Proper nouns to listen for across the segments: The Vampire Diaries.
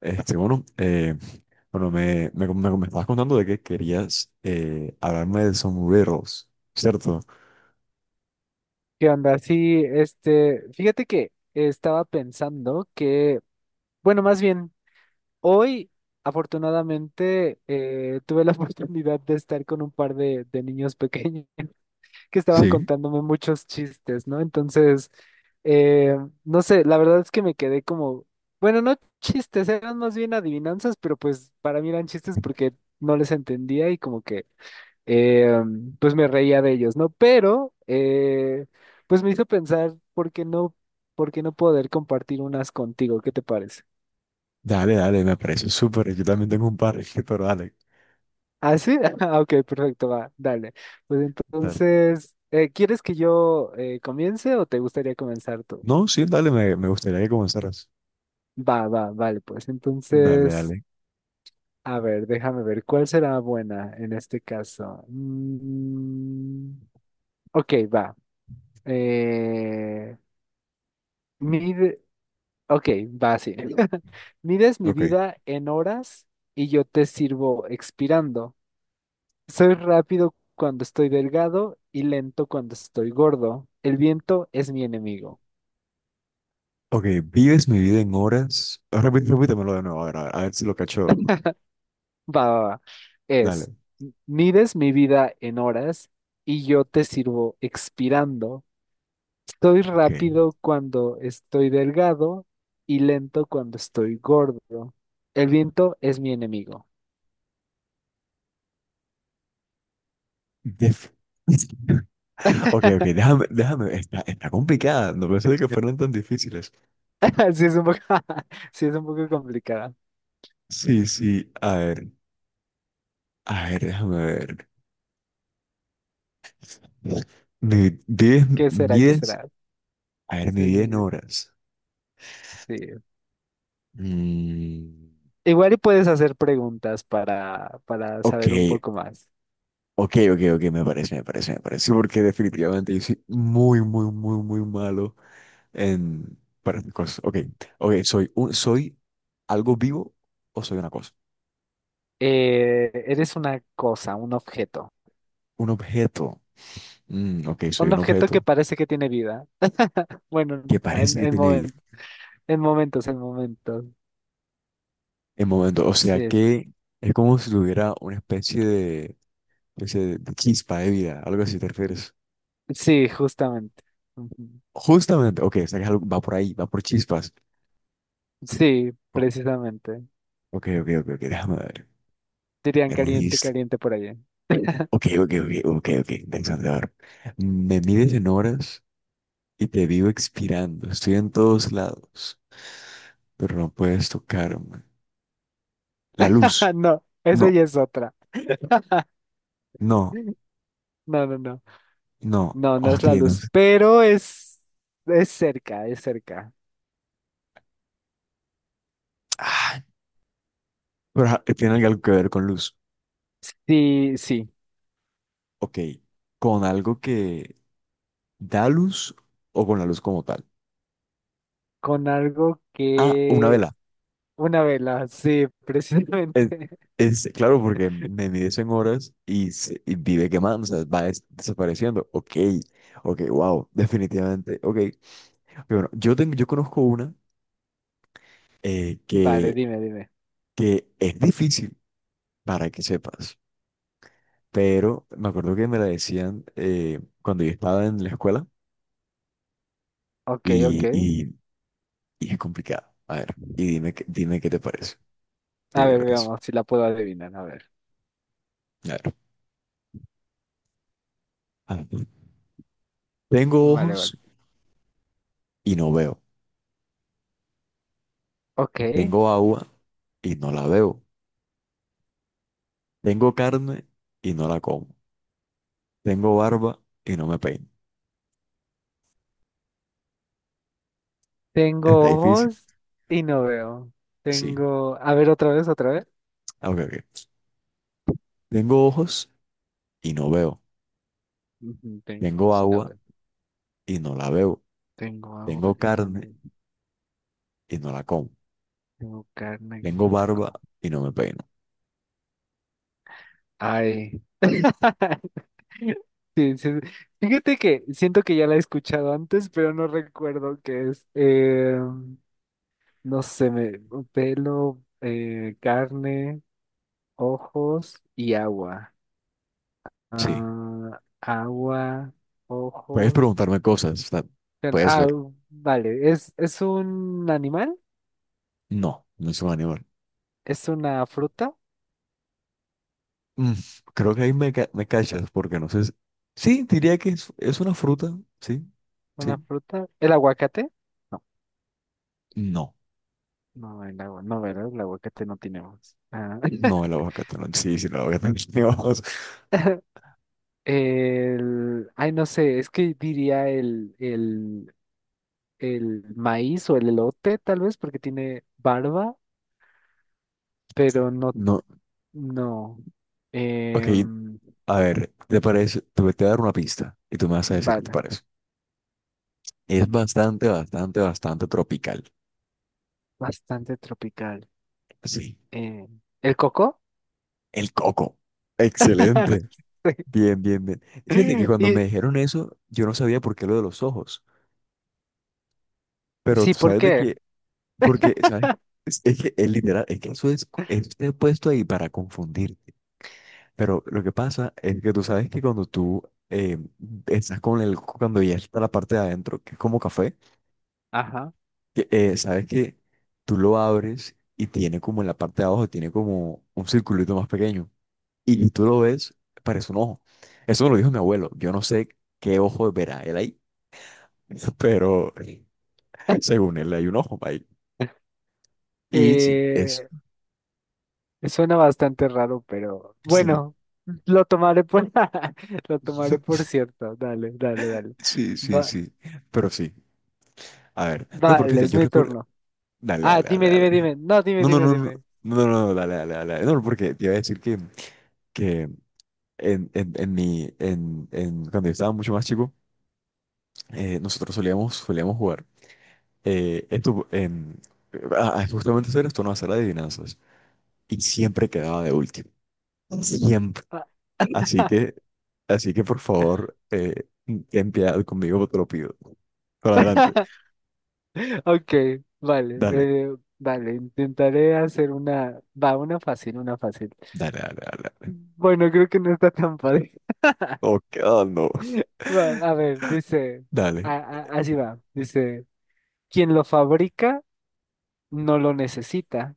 Este, bueno, eh, bueno, me estabas contando de que querías hablarme de sombreros, ¿cierto? ¿Qué onda? Sí, este, fíjate que estaba pensando que, bueno, más bien, hoy afortunadamente tuve la oportunidad de estar con un par de niños pequeños que estaban Sí. contándome muchos chistes, ¿no? Entonces, eh, no sé, la verdad es que me quedé como, bueno, no chistes, eran más bien adivinanzas, pero pues para mí eran chistes porque no les entendía y como que eh, pues me reía de ellos, ¿no? Pero, pues me hizo pensar, ¿por qué no poder compartir unas contigo? ¿Qué te parece? Dale, dale, me parece súper. Yo también tengo un par, pero dale, ¿Ah, sí? Ah, ok, perfecto, va, dale. Pues dale. entonces, ¿quieres que yo comience o te gustaría comenzar tú? No, sí, dale, me gustaría que comenzaras. Va, va, vale, pues Dale, entonces, dale. a ver, déjame ver, ¿cuál será buena en este caso? Mm, ok, va. Eh, mide- Ok, va así. Mides mi Ok. vida en horas y yo te sirvo expirando. Soy rápido cuando estoy delgado y lento cuando estoy gordo. El viento es mi enemigo. Ok, vives mi vida en horas. Ah, Repítemelo de nuevo, a ver, a ver, a ver si lo cacho. Va, va, va. Es, Dale. Mides mi vida en horas y yo te sirvo expirando. Soy Ok. rápido cuando estoy delgado y lento cuando estoy gordo. El viento es mi enemigo. Def- Ok, ok, déjame, déjame. Está complicada. No pensé que fueran tan difíciles. Sí, es un poco, sí, es un poco complicada. Sí, sí. A ver. A ver, déjame ver. Mi 10, ¿Qué será? ¿Qué 10, será? a ver, mi Sí, vida sí, en sí. horas. sí. Mm, Igual y puedes hacer preguntas para ok, saber un poco más. ok, ok, ok, me parece, me parece, me parece, sí, porque definitivamente yo soy muy, muy, muy, muy malo en, para mis cosas. Ok, ok, soy algo vivo o soy una cosa. Eres una cosa, un objeto. Un objeto. Mm, ok, soy Un un objeto que objeto parece que tiene vida. Bueno, que en, parece que en, tiene vida momen- en momentos, en momentos. en momento. O sea Sí, que es como si tuviera una especie de, especie de chispa de vida, algo así te refieres. sí, justamente. Ujú. Justamente, ok, o sea que es algo- va por ahí, va por chispas. Sí, O- precisamente. Ok, ok, ok, ok, déjame ver. Dirían caliente, Ernesto. caliente por allá. Ok, ok, ok, ok, ok, interesante. A ver. Me mides en horas y te vivo expirando. Estoy en todos lados, pero no puedes tocarme. La luz. Ah, no, esa No, ya es otra. no, No, no, no. no. No, no es Ok, la no. luz, sé. pero es cerca, es cerca. Ah, pero tiene algo que ver con luz. Sí, sí, Ok, con algo que da luz o con la luz como tal. con algo Ah, una que. vela. Una vela, sí, Es, precisamente. Claro, porque me mides en horas y, se- y vive quemando, o sea, va des- desapareciendo. Ok, ok, wow, definitivamente. Ok, pero bueno, yo conozco una Vale, que, dime, dime. Es difícil para que sepas, pero me acuerdo que me la decían cuando yo estaba en la escuela Ok, ok. y, y es complicada. A ver, y dime, dime qué te parece. A Dime qué te ver, parece. veamos si la puedo adivinar. A ver. A ver. A ver. Tengo Vale, vale. ojos y no veo. Ok. Tengo agua y no la veo. Tengo carne y no la como. Tengo barba y no me peino. Está Tengo difícil. ojos y no veo. Sí. A ver, otra vez, otra vez. Ah, ok, ok. Tengo ojos y no veo. Ujú, tengo Tengo ojos y no agua veo. y no la bebo. Tengo agua Tengo y no la. carne y no la como. Tengo carne y Tengo no la barba como. y no me peino. Ay. Sí, sí. Fíjate que siento que ya la he escuchado antes, pero no recuerdo qué es. No sé, pelo, carne, ojos y agua. Sí. Ah, agua, Puedes ojos. preguntarme cosas, o sea, Carne. puede Ah, ser. vale. ¿Es un animal? No, no es un animal. ¿Es una fruta? Mm, creo que ahí me, me cachas, porque no sé. Si- sí, diría que es una fruta, sí, ¿Una sí. fruta? ¿El aguacate? No, No, no, el agua, no, ¿verdad? El aguacate no tiene ojos. Ah, no el aguacate, no. Sí, sí, el aguacate. No, vamos. Ay, no sé, es que diría el, maíz o el elote, tal vez, porque tiene barba, pero no. No, No. ok, Eh, a ver, ¿te parece? Te voy a dar una pista y tú me vas a decir qué te vale. parece. Es bastante, bastante, bastante tropical. Bastante tropical. Sí, Eh, ¿El coco? el coco. Excelente. Bien, bien, bien. Fíjate Sí. que cuando Y me dijeron eso, yo no sabía por qué lo de los ojos, pero sí, tú ¿por sabes de qué? que, porque, ¿sabes? Es que es literal, es que eso es puesto ahí para confundirte. Pero lo que pasa es que tú sabes que cuando tú eh, estás con el, cuando ya está la parte de adentro, que es como café, Ajá. que, sabes que tú lo abres y tiene como en la parte de abajo, tiene como un circulito más pequeño. Y tú lo ves, parece un ojo. Eso me lo dijo mi abuelo. Yo no sé qué ojo verá él ahí, pero según él hay un ojo ahí. Y sí, Eh, suena bastante raro, pero sí. bueno, lo tomaré por lo tomaré por cierto. Dale, dale, dale. Sí, sí, Va, sí. Pero sí. A ver. No, pero vale, fíjate, es yo mi recuerdo. turno. Dale, Ah, dale, dime, dale, dale. dime, dime. No, dime, No, no, dime, no, no. dime. No, no, no, dale, dale, dale. No, porque te iba a decir que, que en mi, en, cuando yo estaba mucho más chico, nosotros solíamos jugar. Eh, esto, en, justamente hacer esto, no hacer adivinanzas. Y siempre quedaba de último. Siempre. Ah. Así que, así que por favor, ten piedad conmigo, te lo pido. Por adelante. Ok, vale, Dale, eh, vale, intentaré hacer una, va, una fácil, una fácil. dale, dale, dale. Bueno, creo que no está tan fácil. Ok, no. Va, a ver, dice, Dale. Así va, dice, quien lo fabrica no lo necesita,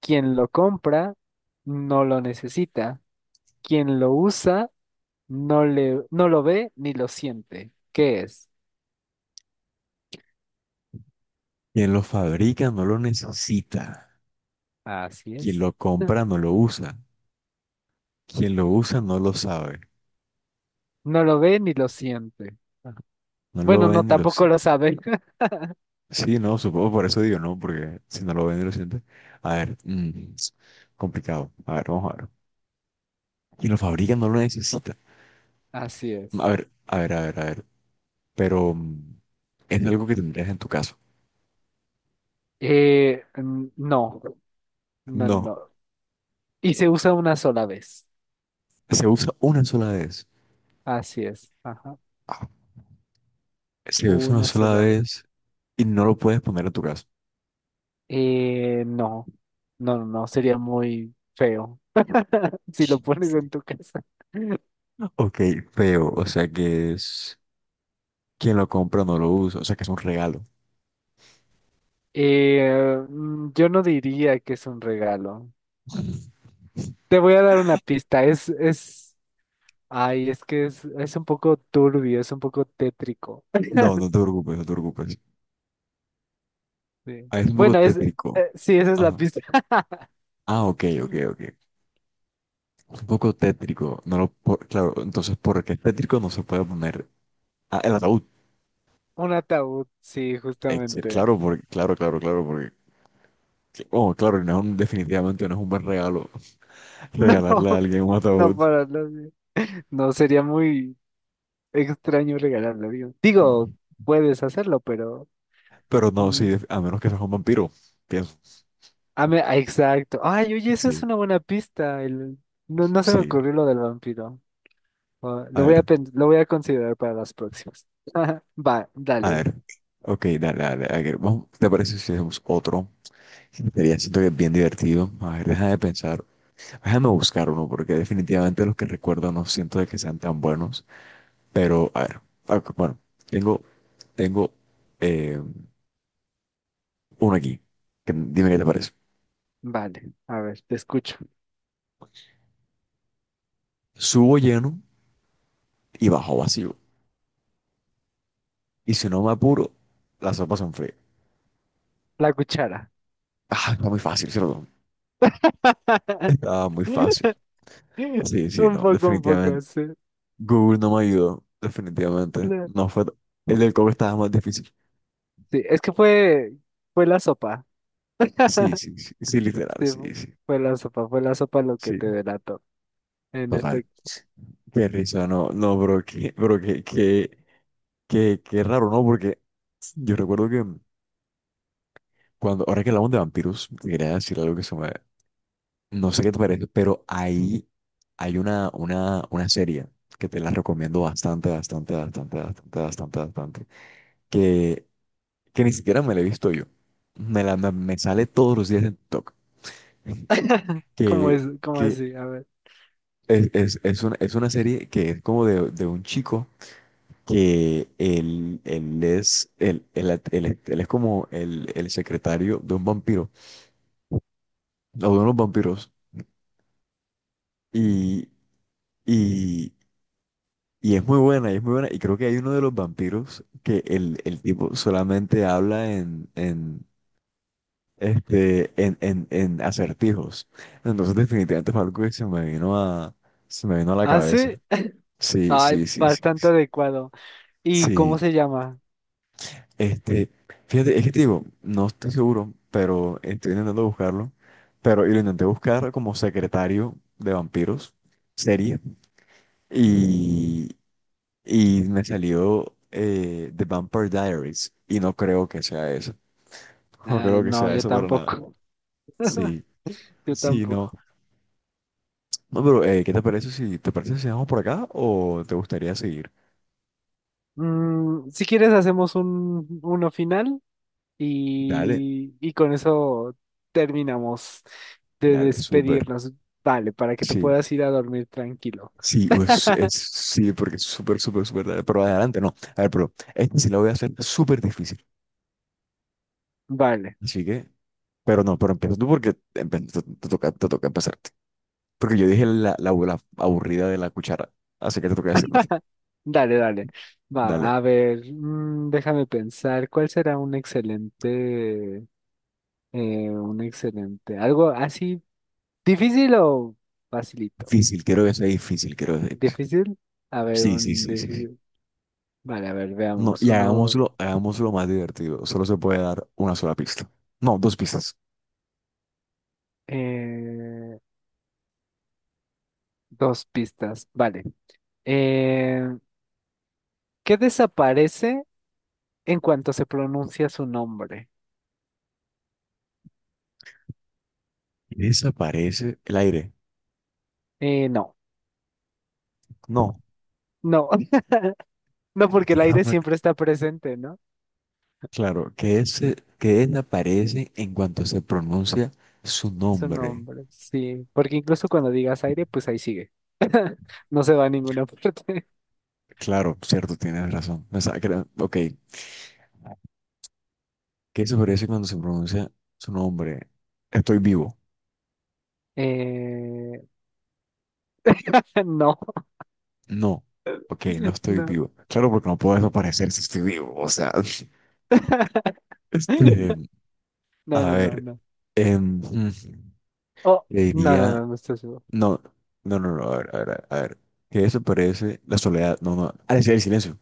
quien lo compra no lo necesita, quien lo usa no lo ve ni lo siente. ¿Qué es? Quien lo fabrica no lo necesita. Así Quien es. lo compra no lo usa. Quien lo usa no lo sabe. No lo ve ni lo siente. Ajá. No lo Bueno, ve no, ni lo tampoco siente. lo sabe. Sí, no, supongo por eso digo, no, porque si no lo ve ni lo siente. A ver, complicado. A ver, vamos a ver. Quien lo fabrica no lo necesita. Así es. A ver, a ver, a ver, a ver. Pero es algo que tendrías en tu caso. No, no, No, no. Y se usa una sola vez. se usa una sola vez. Así es. Ajá. Ah, se usa una Una sola sola vez. vez y no lo puedes poner en tu casa. No, no, no, no, sería muy feo si lo pones en tu casa. Ok, feo, o sea que es quien lo compra no lo usa, o sea que es un regalo. Yo no diría que es un regalo. Te voy a dar una pista. Ay, es que es, un poco turbio, es un poco tétrico. No, no te preocupes, no te preocupes. Sí. Ah, es un poco Bueno, tétrico. Sí, esa es la Ajá. pista. Ah, ok, ok, ok. Es un poco tétrico. No lo po- claro, entonces, ¿por qué es tétrico? No se puede poner. Ah, el ataúd. Un ataúd, sí, Ex- justamente. claro, porque, claro, claro, claro, porque. Oh, claro, no es un- definitivamente no es un buen regalo No, regalarle a alguien un no ataúd. para nadie. No, sería muy extraño regalarlo, digo. Digo, puedes hacerlo, pero. Pero no, mm, sí, a menos que seas un vampiro, pienso. a me- ah, exacto. Ay, oye, esa Sí, es una buena pista. No, no se me sí. ocurrió lo del vampiro. Ah, A ver. Lo voy a considerar para las próximas. Va, A dale. ver, ok, dale, dale, a ver, vamos, ¿te parece si hacemos otro? Sería, siento que es bien divertido. A ver, deja de pensar, déjame buscar uno, porque definitivamente los que recuerdo no siento de que sean tan buenos. Pero, a ver, ok, bueno, tengo, tengo eh, uno aquí. Que- dime qué te parece. Vale, a ver, te escucho. Subo lleno y bajo vacío. Y si no me apuro, las sopas son frías. La cuchara. Ah, está muy fácil, ¿cierto? Está muy fácil. Sí, sí, no, un poco, definitivamente. sí. Google no me ayudó, definitivamente. La- No fue. El del coco estaba más difícil. Sí, es que fue la sopa. Sí, sí, sí, sí, literal, Sí, sí, sí, fue la sopa lo que sí, te delató. En total. efecto, Qué risa, no, no, bro, qué, bro, qué raro, ¿no? Porque yo recuerdo que cuando, ahora que hablamos de vampiros, te quería decir algo que se me, no sé qué te parece, pero ahí hay una, una serie que te la recomiendo bastante, bastante, bastante, bastante, bastante, bastante, que, ni siquiera me la he visto yo. Me sale todos los días en TikTok. ¿cómo Que, es? ¿Cómo que así? A ver. es, es una, es una serie que es como de, un chico que él es como el, secretario de un vampiro, o de unos vampiros, y, y, y es muy buena, y es muy buena, y creo que hay uno de los vampiros que el, tipo solamente habla en, en acertijos, entonces definitivamente fue algo que se me vino a, se me vino a la ¿Ah, cabeza. sí? Sí, Ay, sí, sí, sí. bastante adecuado. ¿Y cómo Sí, se llama? este, fíjate, es que te digo, no estoy seguro, pero estoy intentando buscarlo. Pero y lo intenté buscar como secretario de vampiros, serie, y, me salió The Vampire Diaries, y no creo que sea eso. No Ah, creo que no, sea yo eso para nada. tampoco. Sí, Yo sí, no. tampoco. No, pero ¿qué te parece si vamos por acá o te gustaría seguir? Si quieres hacemos un uno final Dale, y con eso terminamos de dale, súper. despedirnos. Vale, para que te Sí. puedas ir a dormir tranquilo. Sí, sí, porque es súper, súper, súper tarde. Pero adelante, no. A ver, pero este sí lo voy a hacer súper difícil. Vale. Así que, pero no, pero empieza tú porque empe- te toca empezarte. Porque yo dije la, la aburrida de la cuchara. Así que te toca decirme a ti. Dale, dale. Va, Dale. a ver, déjame pensar, ¿cuál será un excelente, algo así, difícil o facilito? Difícil, quiero que sea difícil, quiero que sea difícil. ¿Difícil? A ver, Sí, sí, un sí, sí, sí. difícil. Vale, a ver, No, veamos, y hagámoslo, hagámoslo más divertido. Solo se puede dar una sola pista. No, dos pistas. eh, dos pistas, vale. Eh, ¿Qué desaparece en cuanto se pronuncia su nombre? Desaparece el aire. No, No. no, no, A la porque el quiero. aire siempre está presente, ¿no? Claro, que es que él aparece en cuanto se pronuncia su Su nombre. nombre, sí, porque incluso cuando digas aire, pues ahí sigue. No se va a ninguna parte. Claro, cierto, tienes razón. O sea, que era- ok, que eso aparece cuando se pronuncia su nombre. Estoy vivo. Eh, no, No, ok, no estoy no. vivo. Claro, porque no puedo desaparecer si estoy vivo. O sea, este, No, a no, no, ver, no. em, mm, Oh, le no, no, diría, no, no estoy seguro. no, no, no, no, a ver, a ver, a ver, que eso aparece la soledad. No, no, decía el silencio.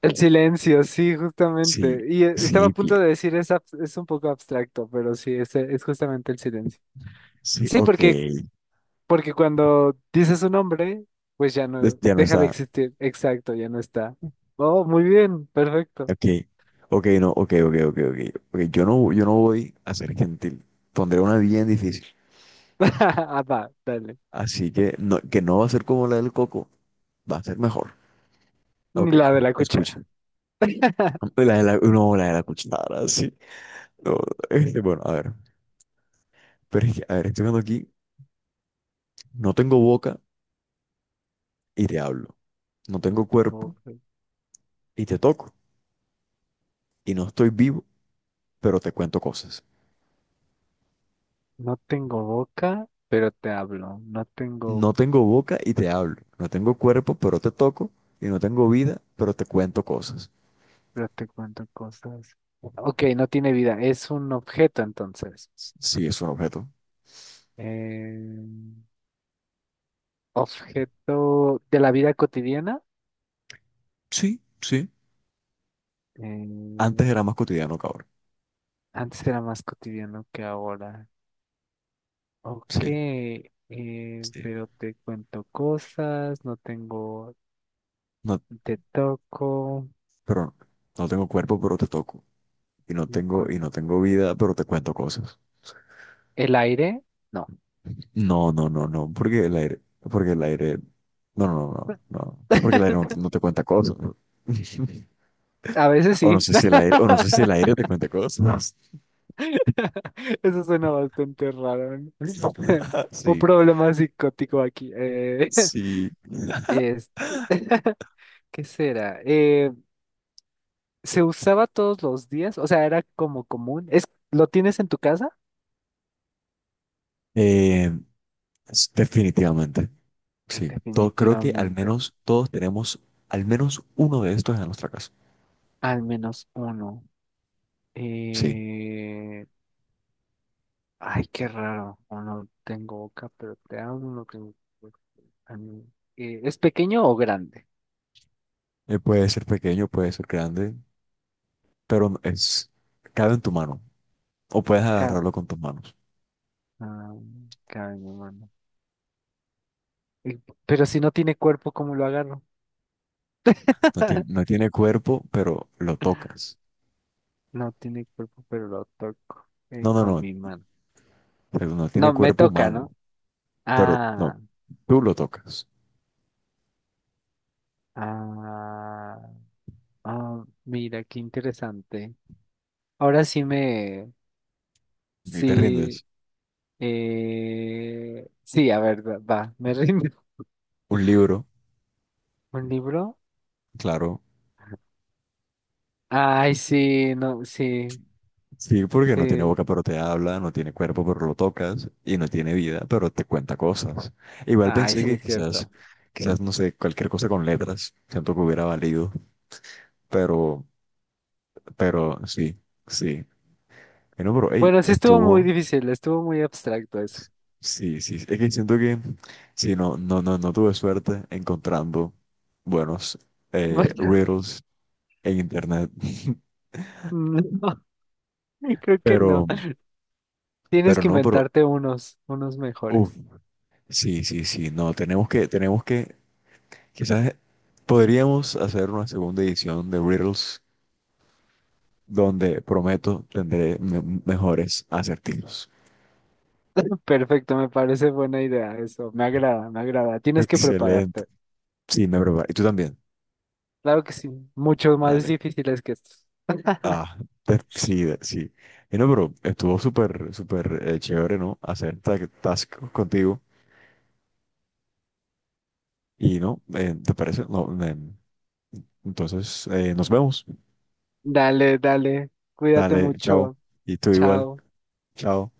El silencio, sí, Sí, justamente. Y estaba sí, a bien. punto de decir es un poco abstracto, pero sí, es justamente el silencio. Sí, Sí, ok. porque cuando dices un nombre, pues ya no, Este, ya no deja de está. existir. Exacto, ya no está. Oh, muy bien, perfecto. Ok. Ok, no. Ok, ok, ok, ok, ok, yo no voy a ser gentil. Pondré una bien difícil. Ah, va, dale. Así que no va a ser como la del coco. Va a ser mejor. Ni Ok, la de la cuchara. escuche. La de la, no, la de la cuchara, sí. No, este, bueno, a ver. Pero es que, a ver, estoy viendo aquí. No tengo boca y te hablo. No No tengo tengo cuerpo boca. y te toco. Y no estoy vivo, pero te cuento cosas. No tengo boca, pero te hablo. No tengo, No tengo boca y te hablo. No tengo cuerpo, pero te toco. Y no tengo vida, pero te cuento cosas. pero te cuento cosas. Ok, no tiene vida. Es un objeto entonces. Sí, es un objeto. Eh, objeto de la vida cotidiana. Sí, sí. Antes Eh, era más cotidiano, cabrón. antes era más cotidiano que ahora. Ok, Sí, sí. pero te cuento cosas. No tengo, No, te toco. pero no tengo cuerpo, pero te toco. Y no cuerpo- no tengo vida, pero te cuento cosas. ¿El aire? No. No, no, no, no. Porque el aire, No, no, no, no. No, porque el aire no te cuenta cosas. A veces sí. O no sé si el aire te cuenta cosas. Eso suena bastante raro, ¿no? Un Sí, problema psicótico aquí. Sí. es- ¿Qué será? ¿Se usaba todos los días? O sea, era como común. ¿Lo tienes en tu casa? Eh, Es- definitivamente, sí. Todo, creo que al Definitivamente. menos todos tenemos al menos uno de estos en nuestra casa. Al menos uno. Sí. Eh, ay, qué raro. Uno tengo boca, pero te amo, no tengo boca. Ah, no. ¿Es pequeño o grande? Puede ser pequeño, puede ser grande, pero no- es, cabe en tu mano. O puedes Ca- agarrarlo con tus manos. ah, cabe en mi mano. Eh, Pero si no tiene cuerpo, ¿cómo lo agarro? No tiene cuerpo, pero lo tocas. No tiene cuerpo, pero lo toco No, no, con no, mi mano. pero no tiene No, me cuerpo toca, humano, ¿no? pero no, Ah, tú lo tocas. ah, ah, mira, qué interesante. Ahora sí Y te sí, rindes. Sí, a ver, va, va, me rindo. Un libro, ¿Un libro? claro. Ay, sí, no, sí, Sí, porque no tiene sí. boca pero te habla, no tiene cuerpo pero lo tocas y no tiene vida pero te cuenta cosas. Igual Ay, pensé sí, que es quizás, cierto. quizás no sé, cualquier cosa con letras, siento que hubiera valido, pero, sí, sí. Bueno, pero hey, Bueno, sí estuvo muy estuvo, difícil, estuvo muy abstracto eso. sí, sí, es que siento que sí, no, no, no, no tuve suerte encontrando buenos Bueno, riddles en internet, no, creo que no. pero, Tienes pero que no, pero, inventarte unos uff, mejores. sí, sí, sí, no, tenemos que, quizás podríamos hacer una segunda edición de Riddles donde prometo tendré me- mejores acertijos. Perfecto, me parece buena idea eso. Me agrada, me agrada. Tienes que Excelente. prepararte. Sí, me preparo. Y tú también. Claro que sí, muchos más Dale. difíciles que estos. Ah, te- sí, de- sí. Y no, pero estuvo súper, súper chévere, ¿no? Hacer ta- task contigo. Y no, ¿te parece? No, me- entonces, nos vemos. Dale, dale. Cuídate Dale, chao. mucho. Y tú igual. Chao. Chao.